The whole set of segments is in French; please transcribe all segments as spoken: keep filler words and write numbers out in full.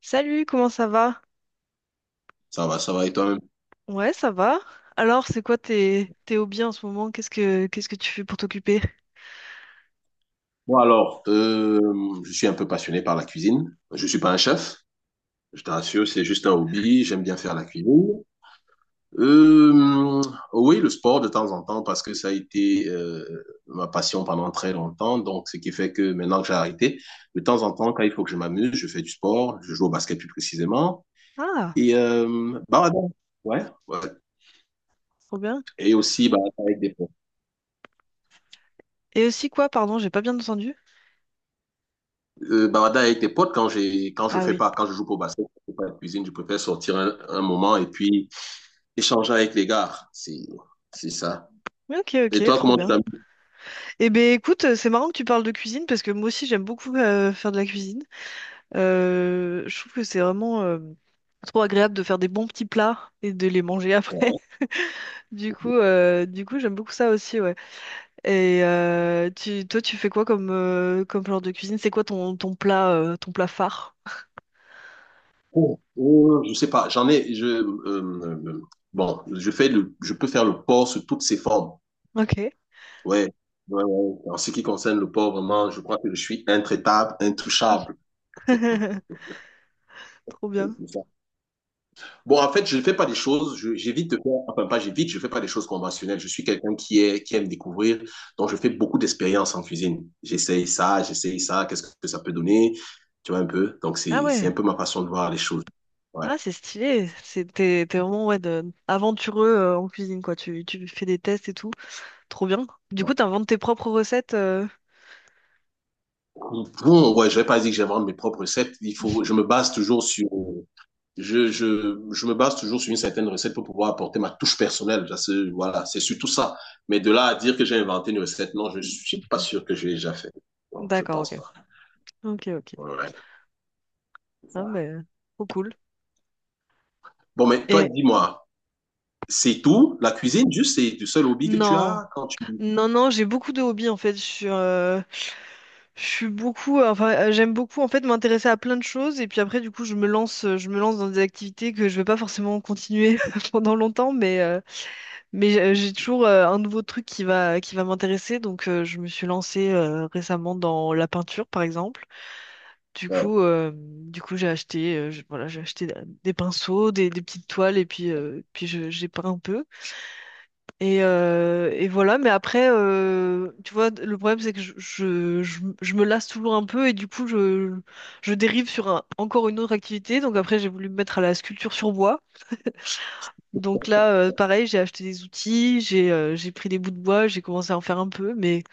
Salut, comment ça va? Ça va, ça va. Et toi-même? Ouais, ça va. Alors, c'est quoi tes, tes hobbies en ce moment? Qu'est-ce que qu'est-ce que tu fais pour t'occuper? Bon, alors, euh, je suis un peu passionné par la cuisine. Je ne suis pas un chef, je te rassure, c'est juste un hobby. J'aime bien faire la cuisine. Euh, oui, le sport de temps en temps, parce que ça a été euh, ma passion pendant très longtemps. Donc, ce qui fait que maintenant que j'ai arrêté, de temps en temps, quand il faut que je m'amuse, je fais du sport. Je joue au basket plus précisément. Ah, Et euh, bah, ouais. Ouais. trop bien. Et aussi, bah, avec des Et aussi quoi, pardon, j'ai pas bien entendu. euh, bavardage avec tes potes, quand j'ai quand je Ah fais oui. pas quand je joue pour basket, je fais pas la cuisine, je préfère sortir un, un moment et puis échanger avec les gars. C'est c'est ça. Mais ok, Et ok, toi, trop comment tu bien. t'amuses? Eh ben écoute, euh, c'est marrant que tu parles de cuisine parce que moi aussi j'aime beaucoup euh, faire de la cuisine. Euh, je trouve que c'est vraiment euh, trop agréable de faire des bons petits plats et de les manger après. Du coup, euh, du coup, j'aime beaucoup ça aussi, ouais. Et euh, tu, toi, tu fais quoi comme, euh, comme genre de cuisine? C'est quoi ton, ton plat, euh, ton plat phare? Oh, oh, je sais pas. J'en ai. Je euh, euh, bon, je fais le, je peux faire le port sous toutes ses formes. Ok. Ouais. Ouais, ouais. En ce qui concerne le port, vraiment, je crois que je suis intraitable, intouchable. Trop bien. Bon, en fait, je ne fais pas des choses, je- j'évite de faire, enfin pas j'évite, je ne fais pas des choses conventionnelles. Je suis quelqu'un qui est, qui aime découvrir, donc je fais beaucoup d'expériences en cuisine. J'essaye ça, j'essaye ça, qu'est-ce que ça peut donner, tu vois un peu. Donc Ah c'est, c'est ouais. un peu ma façon de voir les choses. Ouais. Ah, c'est stylé. C'est, t'es, t'es vraiment ouais, de- aventureux euh, en cuisine, quoi. Tu, tu fais des tests et tout. Trop bien. Du coup, t'inventes tes propres recettes. euh, Bon, ouais, je vais pas dire que j'invente mes propres recettes. Il faut, je me base toujours sur, je, je, je me base toujours sur une certaine recette pour pouvoir apporter ma touche personnelle. Ça, c'est- voilà, c'est surtout ça. Mais de là à dire que j'ai inventé une recette, non, je suis pas sûr que je l'ai déjà fait. Non, je D'accord, pense ok. pas. Ok, ok. Ouais, c'est Ah, ça. mais trop cool. Bon, mais toi, Et dis-moi, c'est tout? La cuisine, juste, c'est le seul hobby que tu non, as quand tu... non, non, j'ai beaucoup de hobbies en fait. Je suis, euh, Je suis beaucoup, euh, enfin, euh, j'aime beaucoup en fait m'intéresser à plein de choses et puis après du coup je me lance, euh, je me lance dans des activités que je vais pas forcément continuer pendant longtemps, mais euh, mais j'ai j'ai toujours euh, un nouveau truc qui va qui va m'intéresser donc euh, je me suis lancée euh, récemment dans la peinture par exemple. Du Ouais, coup, euh, du coup j'ai acheté, euh, je- voilà, j'ai acheté des pinceaux, des, des petites toiles et puis euh, puis je- j'ai peint un peu. Et, euh, et voilà, mais après, euh, tu vois, le problème c'est que je, je, je- je me lasse toujours un peu et du coup, je, je dérive sur un- encore une autre activité. Donc après, j'ai voulu me mettre à la sculpture sur bois. Donc là, euh, pareil, j'ai acheté des outils, j'ai euh, j'ai pris des bouts de bois, j'ai commencé à en faire un peu, mais,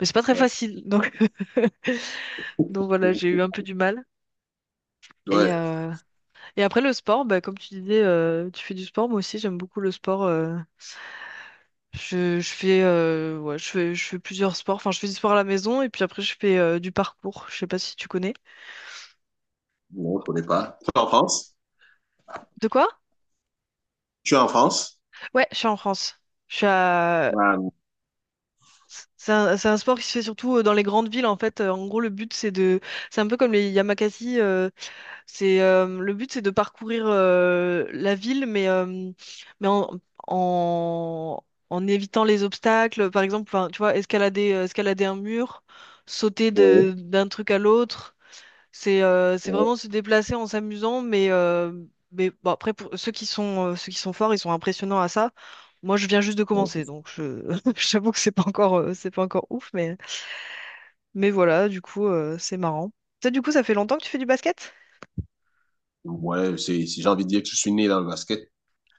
mais c'est pas très facile. Donc, donc voilà, j'ai eu un peu du mal. Et, ouais. euh, et après, le sport, bah, comme tu disais, euh, tu fais du sport, moi aussi, j'aime beaucoup le sport. euh, Je, je fais, euh, ouais, je fais, je fais plusieurs sports. Enfin, je fais du sport à la maison et puis après, je fais euh, du parcours. Je sais pas si tu connais. Non, je connais pas. Tu es en France? De quoi? Tu es en France? Ouais, je suis en France. Je suis à... Ouais, C'est un, c'est un sport qui se fait surtout euh, dans les grandes villes en fait. Euh, En gros, le but c'est de, c'est un peu comme les Yamakasi. euh, c'est euh, le but c'est de parcourir euh, la ville, mais euh, mais en, en en évitant les obstacles. Par exemple, enfin, tu vois, escalader euh, escalader un mur, sauter ouais, de d'un truc à l'autre. C'est euh, c'est ouais, vraiment se déplacer en s'amusant, mais, euh, mais bon, après, pour ceux qui sont, euh, ceux qui sont forts, ils sont impressionnants à ça. Moi, je viens juste de ouais, c'est commencer, ça. donc je j'avoue que c'est pas encore, euh, c'est pas encore ouf, mais, mais voilà, du coup, euh, c'est marrant. Ça, du coup, ça fait longtemps que tu fais du basket? Ouais, c'est, si j'ai envie de dire que je suis né dans le basket,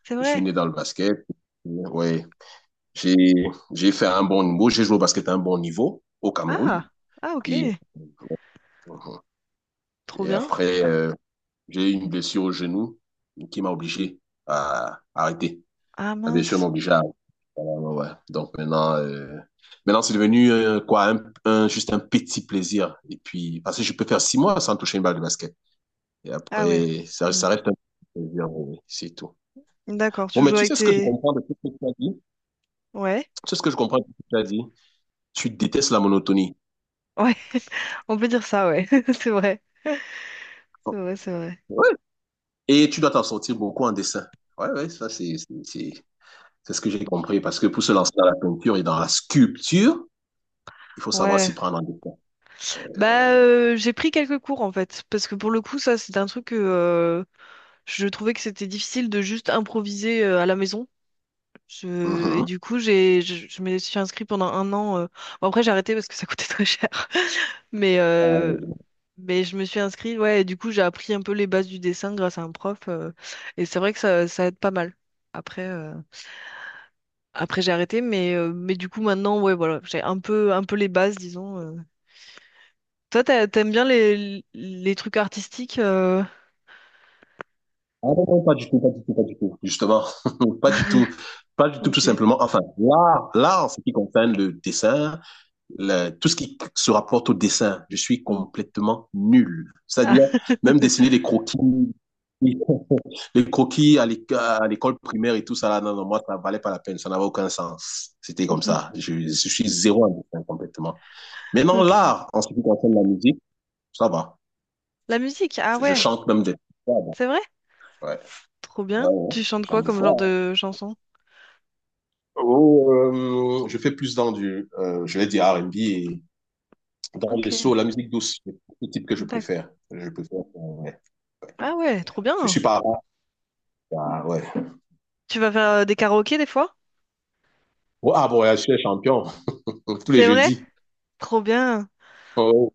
C'est je suis vrai? né dans le basket. Ouais, j'ai, j'ai fait un bon niveau, j'ai joué au basket à un bon niveau au Cameroun. Ah, ah, ok, Et, trop et bien. après, euh, j'ai eu une blessure au genou qui m'a obligé à arrêter. Ah La blessure mince. m'obligea à... Ouais, ouais, ouais. Donc maintenant, euh, maintenant c'est devenu euh, quoi, un, un- juste un petit plaisir. Et puis, parce que je peux faire six mois sans toucher une balle de basket. Et Ah ouais. après, ça, Mm. ça reste un petit plaisir, oui, oui, c'est tout. D'accord, Bon, tu mais joues tu avec sais ce que je tes... comprends de tout ce que tu as dit? Ouais, Tu sais ce que je comprends de tout ce que tu as dit? Tu détestes la monotonie. ouais, on peut dire ça, ouais, c'est vrai, c'est vrai, c'est vrai. Ouais. Et tu dois t'en sortir beaucoup en dessin. Ouais, ouais, ça, c'est, c'est, c'est c'est ce que j'ai compris. Parce que pour se lancer dans la peinture et dans la sculpture, il faut savoir s'y Ouais, prendre en dessin. bah, euh, j'ai pris quelques cours en fait, parce que pour le coup, ça, c'est un truc que euh, je trouvais que c'était difficile de juste improviser euh, à la maison. Je- Et du coup, j'ai, je, je me suis inscrite pendant un an. euh. Bon, après, j'ai arrêté parce que ça coûtait très cher. Mais, euh, Mhm. mais je me suis inscrite, ouais, et du coup, j'ai appris un peu les bases du dessin grâce à un prof. euh, Et c'est vrai que ça, ça aide pas mal. Après, euh, après j'ai arrêté, mais, euh, mais du coup, maintenant, ouais, voilà, j'ai un peu, un peu les bases, disons. euh. Toi, t'a- t'aimes bien les, les trucs artistiques. euh, Ah non, non, pas du tout, pas du tout, pas du tout. Justement, pas du tout, pas du tout, tout Ok. simplement. Enfin, l'art, l'art, en ce qui concerne le dessin, le- tout ce qui se rapporte au dessin, je suis Hmm. complètement nul. C'est-à-dire, Ah. même dessiner les croquis, les croquis à l'éc- à l'école primaire et tout ça, là, non, non, moi, ça valait pas la peine, ça n'avait aucun sens. C'était comme ça. Je, je suis zéro en dessin complètement. Maintenant, Ok. l'art, en ce qui concerne la musique, ça va. La musique, ah Je ouais, chante même des fois, bon. c'est vrai? Ouais, Trop ouais, bien. Tu ouais, chantes je quoi chante des comme genre fois, hein. de chanson? Oh, euh, je fais plus dans du, euh, je vais dire R and B et dans les soul, Ok, la musique douce, c'est le type que je d'accord. préfère. Je préfère, euh, ouais. Ah ouais, trop Je bien. suis pas rap, ah, ouais. Tu vas faire euh, des karaokés des fois? Oh, ah bon, ouais, je suis champion tous les C'est vrai? jeudis. Trop bien. Oh,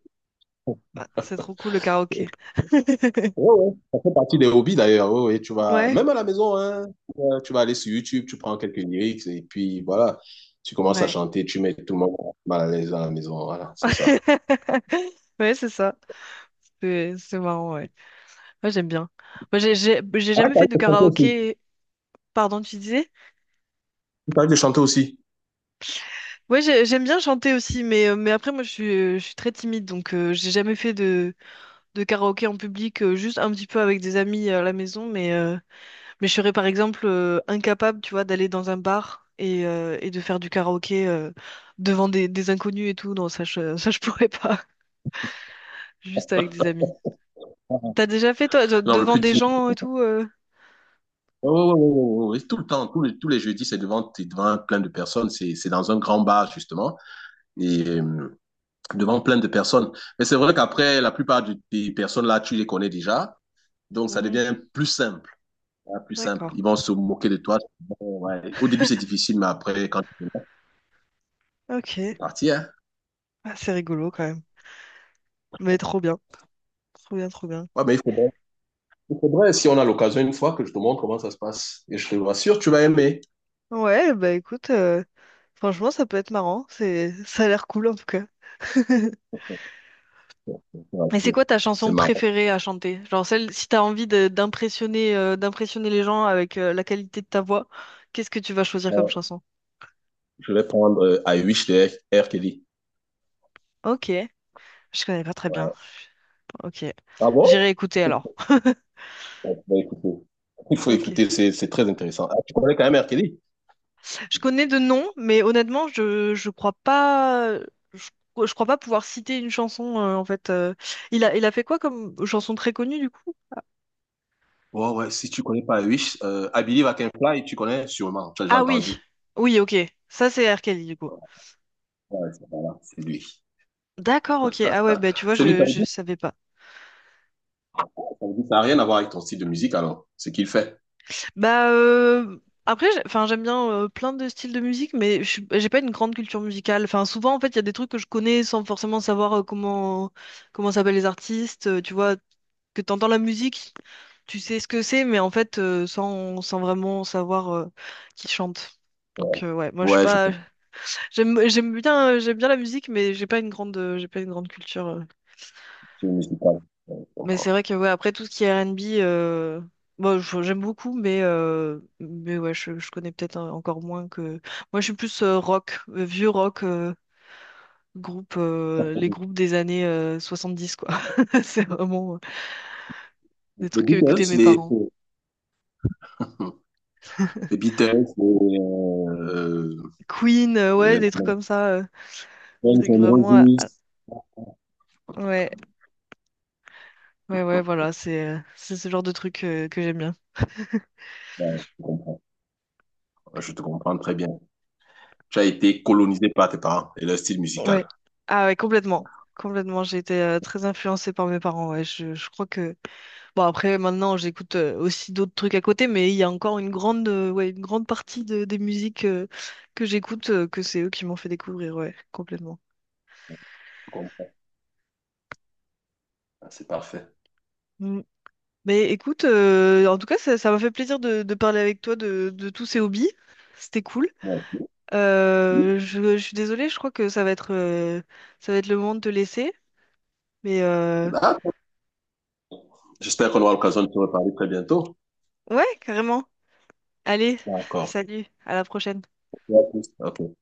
Ah, c'est trop cool le karaoké. ouais, ouais. Ça fait partie des hobbies d'ailleurs. Ouais, ouais, tu vas Ouais. même à la maison, hein, euh, tu vas aller sur YouTube, tu prends quelques lyrics et puis voilà, tu commences à Ouais. chanter, tu mets tout le monde mal à l'aise à la maison. Voilà, c'est ça. Ouais, c'est ça. C'est c'est marrant, ouais. Moi, j'aime bien. Moi, j'ai j'ai j'ai Ah, jamais fait t'arrives de de chanter aussi. karaoké. Pardon, tu disais? T'arrives de chanter aussi. Ouais, j'ai- j'aime bien chanter aussi, mais, euh, mais après, moi, je suis, euh, je suis très timide, donc euh, j'ai jamais fait de, de karaoké en public, euh, juste un petit peu avec des amis euh, à la maison, mais, euh, mais je serais par exemple euh, incapable, tu vois, d'aller dans un bar et, euh, et de faire du karaoké. Euh, devant des, des inconnus et tout. Non, ça je, ça, je pourrais pas, juste avec des amis. T'as déjà fait, toi, de- Non, le devant plus des gens et tout. euh Ouais, ouais, ouais, oui, tout le temps, tous les, tous les jeudis, c'est devant, t'es devant plein de personnes, c'est, c'est dans un grand bar, justement, et euh, devant plein de personnes. Mais c'est vrai qu'après, la plupart du- des personnes là, tu les connais déjà, donc ça Mhm. devient plus simple, hein, plus simple. D'accord. Ils vont se moquer de toi. Bon, ouais. Au début, c'est difficile, mais après, quand tu viens, Ok. c'est parti, hein. Ah, c'est rigolo quand même. Mais trop bien. Trop bien, trop bien. Ouais, mais il faudrait, il faudrait, si on a l'occasion une fois, que je te montre comment ça se passe, et je te rassure, tu vas aimer. Ouais, bah écoute, euh, franchement, ça peut être marrant. C'est, ça a l'air cool en tout cas. Ouais, ouais, je te Et c'est rassure. quoi ta C'est chanson marrant. préférée à chanter? Genre celle, si t'as envie de- d'impressionner euh, d'impressionner les gens avec euh, la qualité de ta voix, qu'est-ce que tu vas choisir comme chanson? Je vais prendre euh, I Wish de R. R. Kelly. Ok, je connais pas très bien. Ouais. Ok, Ah bon? j'irai écouter alors. Ouais, faut écouter. Il faut Ok. écouter, c'est c'est très intéressant. Ah, tu connais quand même R. Kelly? Je connais de noms, mais honnêtement, je je crois pas je, je crois pas pouvoir citer une chanson euh, en fait. euh. Il a il a fait quoi comme chanson très connue du coup? Ouais, ouais, si tu connais pas Wish, euh, I Believe I Can Fly, tu connais sûrement, tu as déjà Ah oui, entendu. oui, ok. Ça c'est R. Kelly du coup. Ouais, c'est voilà, c'est lui. D'accord, ok. Ah ouais, bah tu vois, C'est lui, ça je veut je dire, savais pas. ça veut dire- ça n'a rien à voir avec ton style de musique alors, ce qu'il fait. Bah euh, après, j'ai- enfin j'aime bien euh, plein de styles de musique, mais je suis- j'ai pas une grande culture musicale. Enfin souvent en fait il y a des trucs que je connais sans forcément savoir euh, comment comment s'appellent les artistes. Euh, tu vois que t'entends la musique, tu sais ce que c'est, mais en fait euh, sans sans vraiment savoir euh, qui chante. Donc Ouais, euh, ouais, moi je suis ouais, je pas. comprends. J'aime j'aime bien euh, j'aime bien la musique, mais j'ai pas une grande euh, j'ai pas une grande culture. euh, C'est musical. Ouais, je Mais c'est comprends. vrai que ouais, après tout ce qui est R and B, euh, bon, je- j'aime beaucoup, mais, euh, mais ouais, je, je connais peut-être en- encore moins que. Moi, je suis plus euh, rock, euh, vieux rock, euh, groupe, euh, les groupes des années euh, dix quoi. C'est vraiment euh, Les des trucs que écoutaient Beatles, mes les, parents. les Beatles, les, euh, Queen, euh, ouais, Euh, des trucs comme ça, euh, Guns trucs N' vraiment. à- Roses. à- Ouais, ouais, ouais, voilà, c'est euh, c'est ce genre de trucs euh, que j'aime bien. Ouais, je comprends. Ouais, je te comprends très bien. Tu as été colonisé par tes parents et leur style Ouais. musical. Ah ouais, complètement. Complètement, j'ai été euh, très influencée par mes parents. Ouais, je, je crois que. Bon après maintenant j'écoute euh, aussi d'autres trucs à côté mais il y a encore une grande euh, ouais, une grande partie de- des musiques euh, que j'écoute euh, que c'est eux qui m'ont fait découvrir ouais complètement. Je comprends. Ah, c'est parfait. Mm. Mais écoute euh, en tout cas ça ça m'a fait plaisir de, de parler avec toi de, de tous ces hobbies. C'était cool. Bon. Euh, je, je suis désolée, je crois que ça va être euh, ça va être le moment de te laisser mais euh, D'accord. J'espère qu'on aura l'occasion de te reparler très bientôt. ouais carrément. Allez, D'accord. salut, à la prochaine. Ok.